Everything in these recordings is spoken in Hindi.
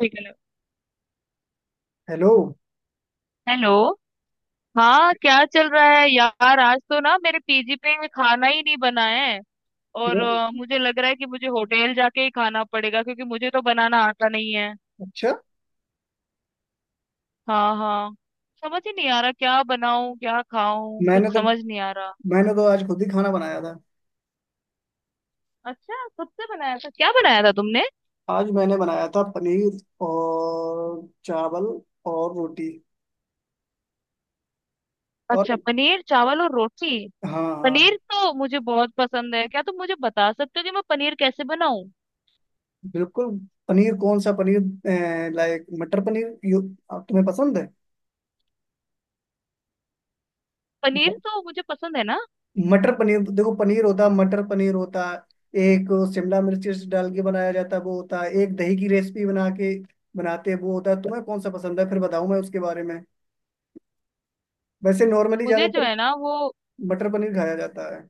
हेलो। हेलो। हेलो। हाँ, क्या चल रहा है यार? आज तो ना मेरे पीजी पे खाना ही नहीं बना है। और क्यों? मुझे लग रहा है कि मुझे होटल जाके ही खाना पड़ेगा, क्योंकि मुझे तो बनाना आता नहीं है। अच्छा। हाँ हाँ। समझ ही नहीं आ रहा, क्या बनाऊं क्या खाऊं, मैंने कुछ तो समझ नहीं आ रहा। मैंने तो आज खुद ही खाना बनाया था। अच्छा, खुद से बनाया था? क्या बनाया था तुमने? आज मैंने बनाया था पनीर और चावल और रोटी और। अच्छा, पनीर चावल और रोटी। हाँ हाँ, पनीर तो मुझे बहुत पसंद है, क्या तुम मुझे बता सकते हो कि मैं पनीर कैसे बनाऊं? बिल्कुल। पनीर, कौन सा पनीर? लाइक मटर पनीर यू तुम्हें पसंद है? पनीर म- तो मुझे पसंद है ना। मटर पनीर देखो, पनीर होता है, मटर पनीर होता है, एक शिमला मिर्च डाल के बनाया जाता है, वो होता है, एक दही की रेसिपी बना के बनाते हैं, वो होता है। तुम्हें कौन सा पसंद है फिर बताऊँ मैं उसके बारे में। वैसे नॉर्मली मुझे जो ज्यादातर है ना वो। मटर पनीर खाया जाता है।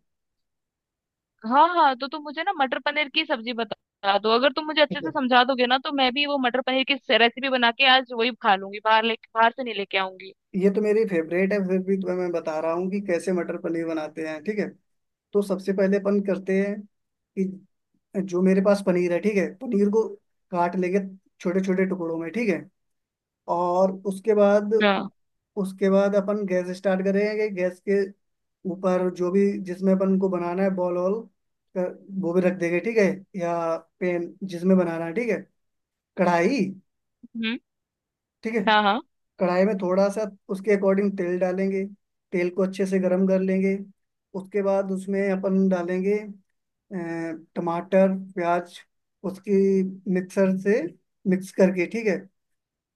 हाँ हाँ, तो तुम मुझे ना मटर पनीर की सब्जी बता दो, अगर तुम मुझे अच्छे से समझा दोगे ना तो मैं भी वो मटर पनीर की रेसिपी बना के आज वही खा लूंगी, बाहर ले बाहर से नहीं लेके आऊंगी। ये तो मेरी फेवरेट है, फिर भी तुम्हें मैं बता रहा हूँ कि कैसे मटर पनीर बनाते हैं, ठीक है। तो सबसे पहले अपन करते हैं कि जो मेरे पास पनीर है, ठीक है, पनीर को काट लेंगे छोटे छोटे टुकड़ों में, ठीक है। और हाँ। उसके बाद अपन गैस स्टार्ट करेंगे, गैस के ऊपर जो भी जिसमें अपन को बनाना है, बॉल वॉल, अ, वो भी रख देंगे, ठीक है। या पेन जिसमें बनाना है, ठीक है, कढ़ाई। हम्म। ठीक है, हाँ हाँ। कढ़ाई में थोड़ा सा उसके अकॉर्डिंग तेल डालेंगे, तेल को अच्छे से गर्म कर लेंगे। उसके बाद उसमें अपन डालेंगे अ, टमाटर प्याज, उसकी मिक्सर से मिक्स करके, ठीक है।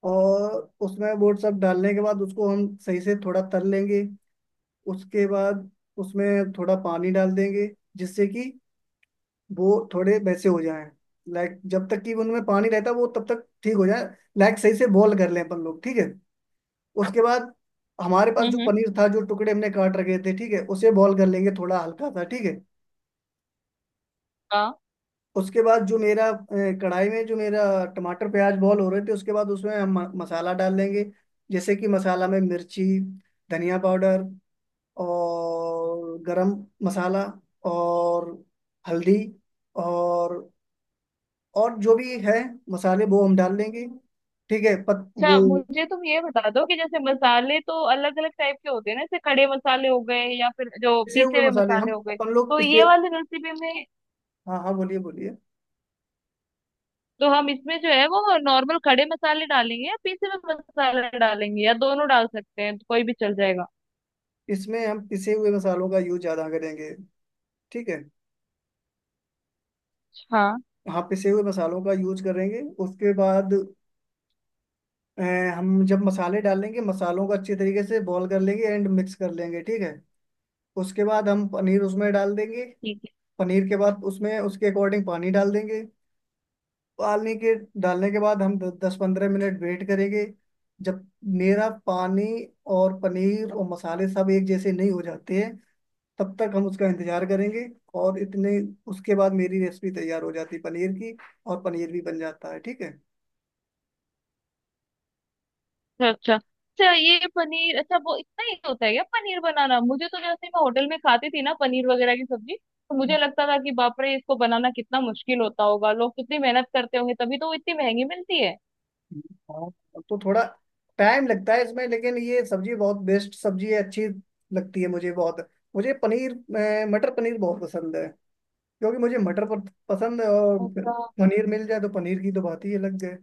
और उसमें वो सब डालने के बाद उसको हम सही से थोड़ा तल लेंगे। उसके बाद उसमें थोड़ा पानी डाल देंगे, जिससे कि वो थोड़े वैसे हो जाएं। लाइक जब तक कि उनमें पानी रहता है वो तब तक ठीक हो जाए, लाइक सही से बॉईल कर लें अपन लोग, ठीक है। उसके बाद हमारे पास जो हम्म। पनीर था, जो टुकड़े हमने काट रखे थे, ठीक है, उसे बॉईल कर लेंगे थोड़ा हल्का सा, ठीक है। हाँ। उसके बाद जो मेरा कढ़ाई में जो मेरा टमाटर प्याज बॉईल हो रहे थे, उसके बाद उसमें हम मसाला डाल लेंगे। जैसे कि मसाला में मिर्ची, धनिया पाउडर और गरम मसाला और हल्दी और और जो भी है मसाले वो हम डाल लेंगे, ठीक है। पत वो अच्छा मुझे तुम ये बता दो कि जैसे मसाले तो अलग अलग टाइप के होते हैं ना, जैसे खड़े मसाले हो गए या फिर जो पिसे पीसे हुए हुए मसाले, हम मसाले हो गए, अपन लोग तो ये पिसे। वाली रेसिपी में हाँ हाँ, बोलिए बोलिए। तो हम इसमें जो है वो नॉर्मल खड़े मसाले डालेंगे या पीसे हुए मसाले डालेंगे या दोनों डाल सकते हैं, तो कोई भी चल जाएगा? इसमें हम पिसे हुए मसालों का यूज ज्यादा करेंगे, ठीक है। हाँ। हाँ, पिसे हुए मसालों का यूज करेंगे। उसके बाद अ, हम जब मसाले डालेंगे, मसालों को अच्छे तरीके से बॉईल कर लेंगे एंड मिक्स कर लेंगे, ठीक है। उसके बाद हम पनीर उसमें डाल देंगे। ठीक है। पनीर के बाद उसमें उसके अकॉर्डिंग पानी डाल देंगे। पानी के डालने के बाद हम 10-15 मिनट वेट करेंगे। जब मेरा पानी और पनीर और मसाले सब एक जैसे नहीं हो जाते हैं तब तक हम उसका इंतजार करेंगे। और इतने उसके बाद मेरी रेसिपी तैयार हो जाती है पनीर की, और पनीर भी बन जाता है, ठीक है। अच्छा अच्छा। अच्छा ये पनीर, अच्छा वो इतना ही होता है क्या पनीर बनाना? मुझे तो जैसे मैं होटल में खाती थी ना पनीर वगैरह की सब्जी, तो मुझे लगता था कि बाप रे इसको बनाना कितना मुश्किल होता होगा, लोग कितनी मेहनत करते होंगे, तभी तो वो इतनी महंगी मिलती है। हाँ, तो थोड़ा टाइम लगता है इसमें, लेकिन ये सब्जी बहुत बेस्ट सब्जी है, अच्छी लगती है मुझे बहुत। मुझे पनीर मटर पनीर बहुत पसंद है, क्योंकि मुझे मटर पसंद है, और फिर अच्छा। पनीर मिल जाए तो पनीर की तो बात ही अलग है।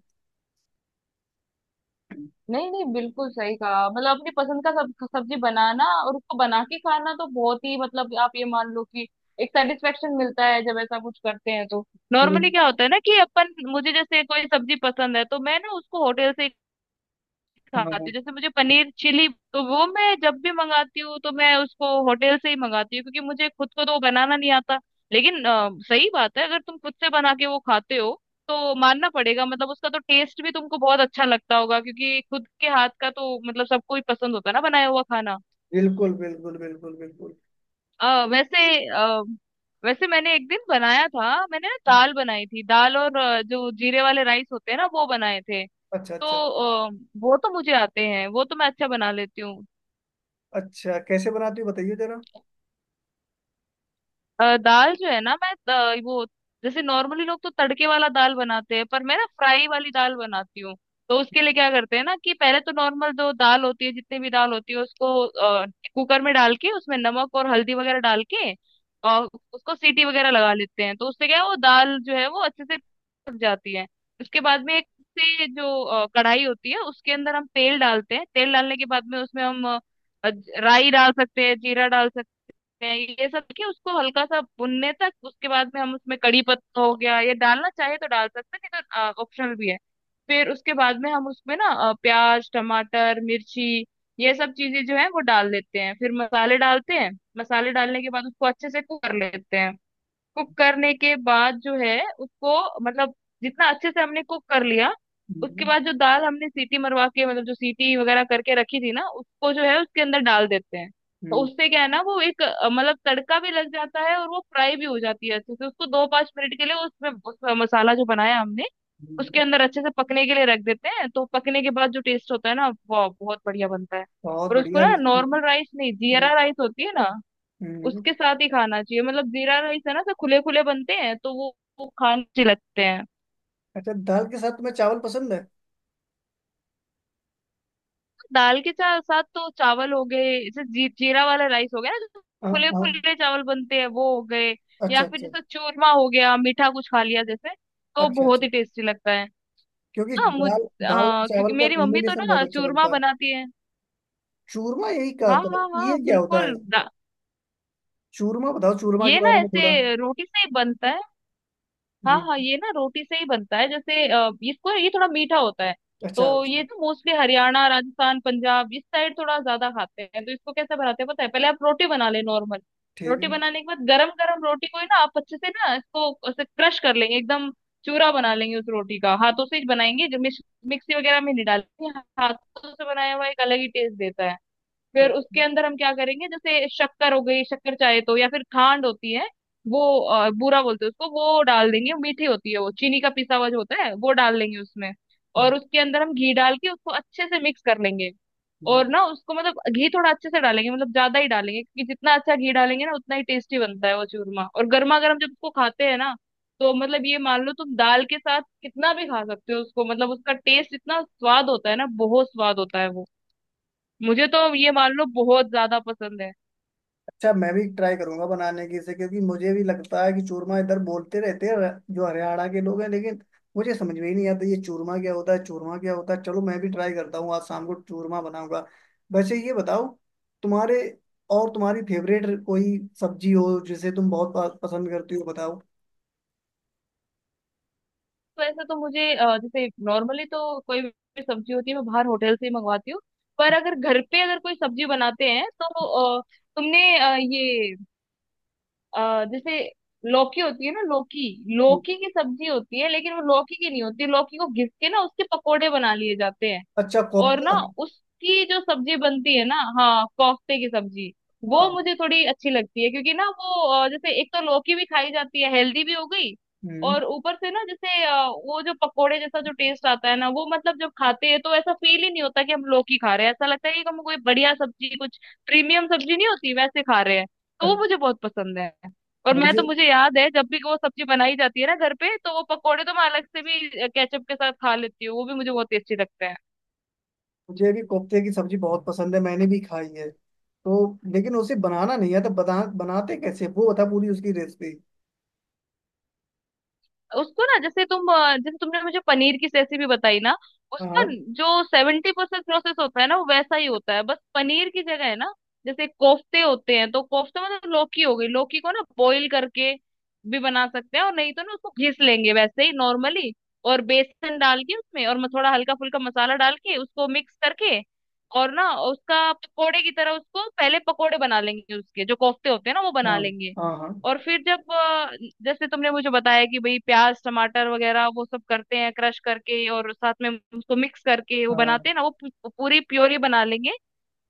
नहीं नहीं, बिल्कुल सही कहा, मतलब अपनी पसंद का सब्जी बनाना और उसको बना के खाना तो बहुत ही, मतलब आप ये मान लो कि एक सेटिस्फेक्शन मिलता है जब ऐसा कुछ करते हैं तो। नॉर्मली बिल- क्या होता है ना कि अपन, मुझे जैसे कोई सब्जी पसंद है तो मैं ना उसको होटल से हाँ खाती हूँ, हाँ, जैसे मुझे पनीर चिली, तो वो मैं जब भी मंगाती हूँ तो मैं उसको होटल से ही मंगाती हूँ क्योंकि मुझे खुद को तो वो बनाना नहीं आता। लेकिन सही बात है, अगर तुम खुद से बना के वो खाते हो तो मानना पड़ेगा, मतलब उसका तो टेस्ट भी तुमको बहुत अच्छा लगता होगा क्योंकि खुद के हाथ का तो मतलब सबको ही पसंद होता है ना बनाया हुआ खाना। बिल्कुल बिल्कुल बिल्कुल बिल्कुल। वैसे अ, वैसे मैंने एक दिन बनाया था, मैंने ना दाल बनाई थी, दाल और जो जीरे वाले राइस होते हैं ना वो बनाए थे। अच्छा तो अच्छा। अच्छा, अ, वो तो मुझे आते हैं, वो तो मैं अच्छा बना लेती हूँ। अच्छा कैसे बनाती हो? बताइए जरा। दाल जो है ना, मैं वो, जैसे नॉर्मली लोग तो तड़के वाला दाल बनाते हैं पर मैं ना फ्राई वाली दाल बनाती हूँ। तो उसके लिए क्या करते हैं ना कि पहले तो नॉर्मल जो दाल होती है, जितनी भी दाल होती है उसको कुकर में डाल के उसमें नमक और हल्दी वगैरह डाल के और उसको सीटी वगैरह लगा लेते हैं, तो उससे क्या है वो दाल जो है वो अच्छे से पक जाती है। उसके बाद में एक से जो कढ़ाई होती है उसके अंदर हम तेल डालते हैं, तेल डालने के बाद में उसमें हम राई डाल सकते हैं, जीरा डाल सकते हैं, ये सब कि उसको हल्का सा भुनने तक। उसके बाद में हम उसमें कड़ी पत्ता हो गया ये डालना चाहे तो डाल सकते हैं, नहीं तो ऑप्शनल भी है। फिर उसके बाद में हम उसमें ना प्याज टमाटर मिर्ची ये सब चीजें जो है वो डाल देते हैं, फिर मसाले डालते हैं। मसाले डालने के बाद उसको अच्छे से कुक कर लेते हैं। कुक करने के बाद जो है उसको, मतलब जितना अच्छे से हमने कुक कर लिया, उसके हम्म बाद जो दाल हमने सीटी मरवा के, मतलब जो सीटी वगैरह करके रखी थी ना, उसको जो है उसके अंदर डाल देते हैं। तो हम्म। उससे क्या है ना वो एक मतलब तड़का भी लग जाता है और वो फ्राई भी हो जाती है अच्छे से। उसको दो पांच मिनट के लिए उसमें उस मसाला जो बनाया हमने हम्म। उसके अंदर अच्छे से पकने के लिए रख देते हैं, तो पकने के बाद जो टेस्ट होता है ना वो बहुत बढ़िया बनता है। बहुत और उसको बढ़िया ना रेसिपी। नॉर्मल राइस नहीं, हम्म, जीरा राइस होती है ना हम्म। उसके साथ ही खाना चाहिए, मतलब जीरा राइस है ना सब खुले खुले बनते हैं तो वो खाने अच्छे लगते हैं। अच्छा, दाल के साथ तुम्हें चावल पसंद है? दाल के साथ तो चावल हो गए, जैसे जीरा वाला राइस हो गया ना जो हाँ खुले हाँ। खुले चावल बनते हैं वो हो गए, अच्छा या फिर अच्छा जैसे चूरमा हो गया, मीठा कुछ खा लिया जैसे, तो अच्छा। बहुत अच्छा, ही टेस्टी लगता है। क्योंकि हाँ मुझ दाल दाल और हाँ, क्योंकि चावल का मेरी मम्मी तो कॉम्बिनेशन ना बहुत अच्छा चूरमा बनता है। बनाती है। चूरमा, यही कहा हाँ था? हाँ हाँ, ये क्या होता है? बिल्कुल। चूरमा बताओ, चूरमा के ये ना बारे में थोड़ा। ऐसे रोटी से ही बनता है। हाँ हम्म। हाँ, ये ना रोटी से ही बनता है, जैसे इसको, ये थोड़ा मीठा होता है। अच्छा तो अच्छा। ये तो मोस्टली हरियाणा राजस्थान पंजाब इस साइड थोड़ा ज्यादा खाते हैं। तो इसको कैसे बनाते हैं पता है, पहले आप रोटी बना ले नॉर्मल। ठीक रोटी है। बनाने के बाद गरम गरम रोटी को ही ना आप अच्छे से ना इसको ऐसे क्रश कर लेंगे एकदम, चूरा बना लेंगे उस रोटी का, हाथों से ही बनाएंगे, जो मिक्सी वगैरह में नहीं डालेंगे, हाथों से बनाया हुआ एक अलग ही टेस्ट देता है। अच्छा फिर उसके अच्छा। अंदर हम क्या करेंगे, जैसे शक्कर हो गई, शक्कर चाहे तो, या फिर खांड होती है वो, बूरा बोलते हैं उसको, वो डाल देंगे, मीठी होती है वो, चीनी का पिसा हुआ जो होता है वो डाल देंगे उसमें। हम्म, और उसके अंदर हम घी डाल के उसको अच्छे से मिक्स कर लेंगे। हम्म। और ना उसको, मतलब घी थोड़ा अच्छे से डालेंगे, मतलब ज्यादा ही डालेंगे, क्योंकि जितना अच्छा घी डालेंगे ना उतना ही टेस्टी बनता है वो चूरमा। और गर्मा गर्म जब उसको खाते हैं ना, तो मतलब ये मान लो तुम दाल के साथ कितना भी खा सकते हो उसको, मतलब उसका टेस्ट इतना स्वाद होता है ना, बहुत स्वाद होता है वो। मुझे तो ये मान लो बहुत ज्यादा पसंद है। अच्छा, मैं भी ट्राई करूंगा बनाने की इसे, क्योंकि मुझे भी लगता है कि चूरमा इधर बोलते रहते हैं, जो हरियाणा के लोग हैं, लेकिन मुझे समझ में ही नहीं आता ये चूरमा क्या होता है, चूरमा क्या होता है। चलो मैं भी ट्राई करता हूँ, आज शाम को चूरमा बनाऊंगा। वैसे ये बताओ, तुम्हारे और तुम्हारी फेवरेट कोई सब्जी हो जिसे तुम बहुत पसंद करती हो, बताओ। तो ऐसे तो मुझे जैसे नॉर्मली तो कोई भी सब्जी होती है मैं बाहर होटल से ही मंगवाती हूँ, पर अगर घर पे अगर कोई सब्जी बनाते हैं तो अ, तुमने ये जैसे लौकी होती है ना, लौकी। लौकी की सब्जी होती है लेकिन वो लौकी की नहीं होती, लौकी को घिस के ना उसके पकोड़े बना लिए जाते हैं अच्छा, और ना कोफ्ता। उसकी जो सब्जी बनती है ना, हाँ, कोफ्ते की सब्जी, वो हाँ। मुझे थोड़ी अच्छी लगती है। क्योंकि ना वो जैसे एक तो लौकी भी खाई जाती है, हेल्दी भी हो गई, हम्म। और ऊपर से ना जैसे वो जो पकोड़े जैसा जो टेस्ट आता है ना वो, मतलब जब खाते हैं तो ऐसा फील ही नहीं होता कि हम लौकी खा रहे हैं, ऐसा लगता है कि हम कोई बढ़िया सब्जी, कुछ प्रीमियम सब्जी नहीं होती वैसे खा रहे हैं। तो वो मुझे बहुत पसंद है। और मैं तो, मुझे मुझे याद है जब भी वो सब्जी बनाई जाती है ना घर पे, तो वो पकोड़े तो मैं अलग से भी केचप के साथ खा लेती हूँ, वो भी मुझे बहुत टेस्टी लगता है। मुझे भी कोफ्ते की सब्जी बहुत पसंद है, मैंने भी खाई है तो। लेकिन उसे बनाना नहीं आता, बनाते कैसे वो बता, पूरी उसकी रेसिपी। उसको ना जैसे तुम जैसे तुमने मुझे पनीर की रेसिपी बताई ना, उसका हाँ। जो सेवेंटी परसेंट प्रोसेस होता है ना वो वैसा ही होता है, बस पनीर की जगह है ना, जैसे कोफ्ते होते हैं तो कोफ्ते, मतलब लौकी हो गई, लौकी को ना बॉईल करके भी बना सकते हैं और नहीं तो ना उसको घिस लेंगे वैसे ही नॉर्मली, और बेसन डाल के उसमें और थोड़ा हल्का फुल्का मसाला डाल के उसको मिक्स करके, और ना उसका पकोड़े की तरह उसको पहले पकोड़े बना लेंगे, उसके जो कोफ्ते होते हैं ना वो बना हाँ लेंगे। हाँ। हाँ और फिर जब जैसे तुमने मुझे बताया कि भाई प्याज टमाटर वगैरह वो सब करते हैं क्रश करके और साथ में उसको मिक्स करके वो हाँ हाँ। बनाते हैं ना, वो पूरी प्योरी बना लेंगे।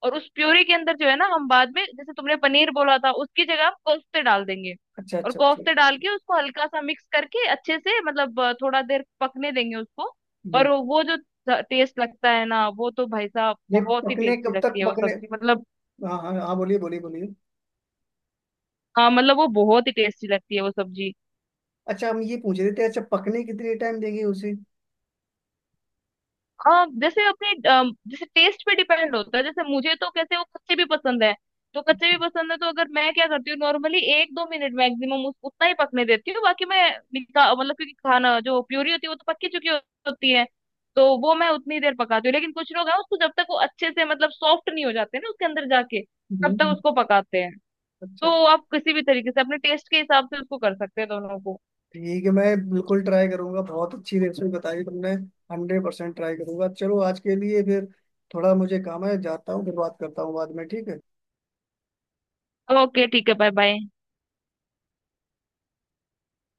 और उस प्योरी के अंदर जो है ना हम बाद में जैसे तुमने पनीर बोला था उसकी जगह हम कोफ्ते डाल देंगे। अच्छा और अच्छा अच्छा। कोफ्ते डाल के उसको हल्का सा मिक्स करके अच्छे से, मतलब थोड़ा देर पकने देंगे उसको। और हम्म। वो जो टेस्ट लगता है ना, वो तो भाई साहब ये बहुत ही पकने, टेस्टी कब तक लगती है वो पकने? सब्जी, मतलब। हाँ हाँ हाँ, बोलिए बोलिए बोलिए। हाँ, मतलब वो बहुत ही टेस्टी लगती है वो सब्जी। अच्छा, हम ये पूछ रहे थे, अच्छा पकने कितने टाइम देंगे उसे? जैसे अपने, जैसे टेस्ट पे डिपेंड होता है, जैसे मुझे तो कैसे वो कच्चे भी पसंद है, तो कच्चे अच्छा। भी पसंद है, तो अगर मैं क्या करती हूँ नॉर्मली एक दो मिनट मैक्सिमम उतना ही पकने देती हूँ बाकी, मैं निका मतलब क्योंकि खाना जो प्यूरी होती है वो तो पक्की चुकी होती है। तो वो मैं उतनी देर पकाती हूँ, लेकिन कुछ लोग हैं उसको जब तक वो अच्छे से मतलब सॉफ्ट नहीं हो जाते ना उसके अंदर जाके तब तक हम्म, उसको पकाते हैं। अच्छा। तो आप किसी भी तरीके से अपने टेस्ट के हिसाब से उसको कर सकते हैं दोनों को। ठीक है, मैं बिल्कुल ट्राई करूंगा, बहुत अच्छी रेसिपी बताई तुमने। 100% ट्राई करूंगा। चलो आज के लिए फिर, थोड़ा मुझे काम है, जाता हूँ, फिर बात करता हूँ बाद में, ठीक है। ओके ठीक है, बाय बाय।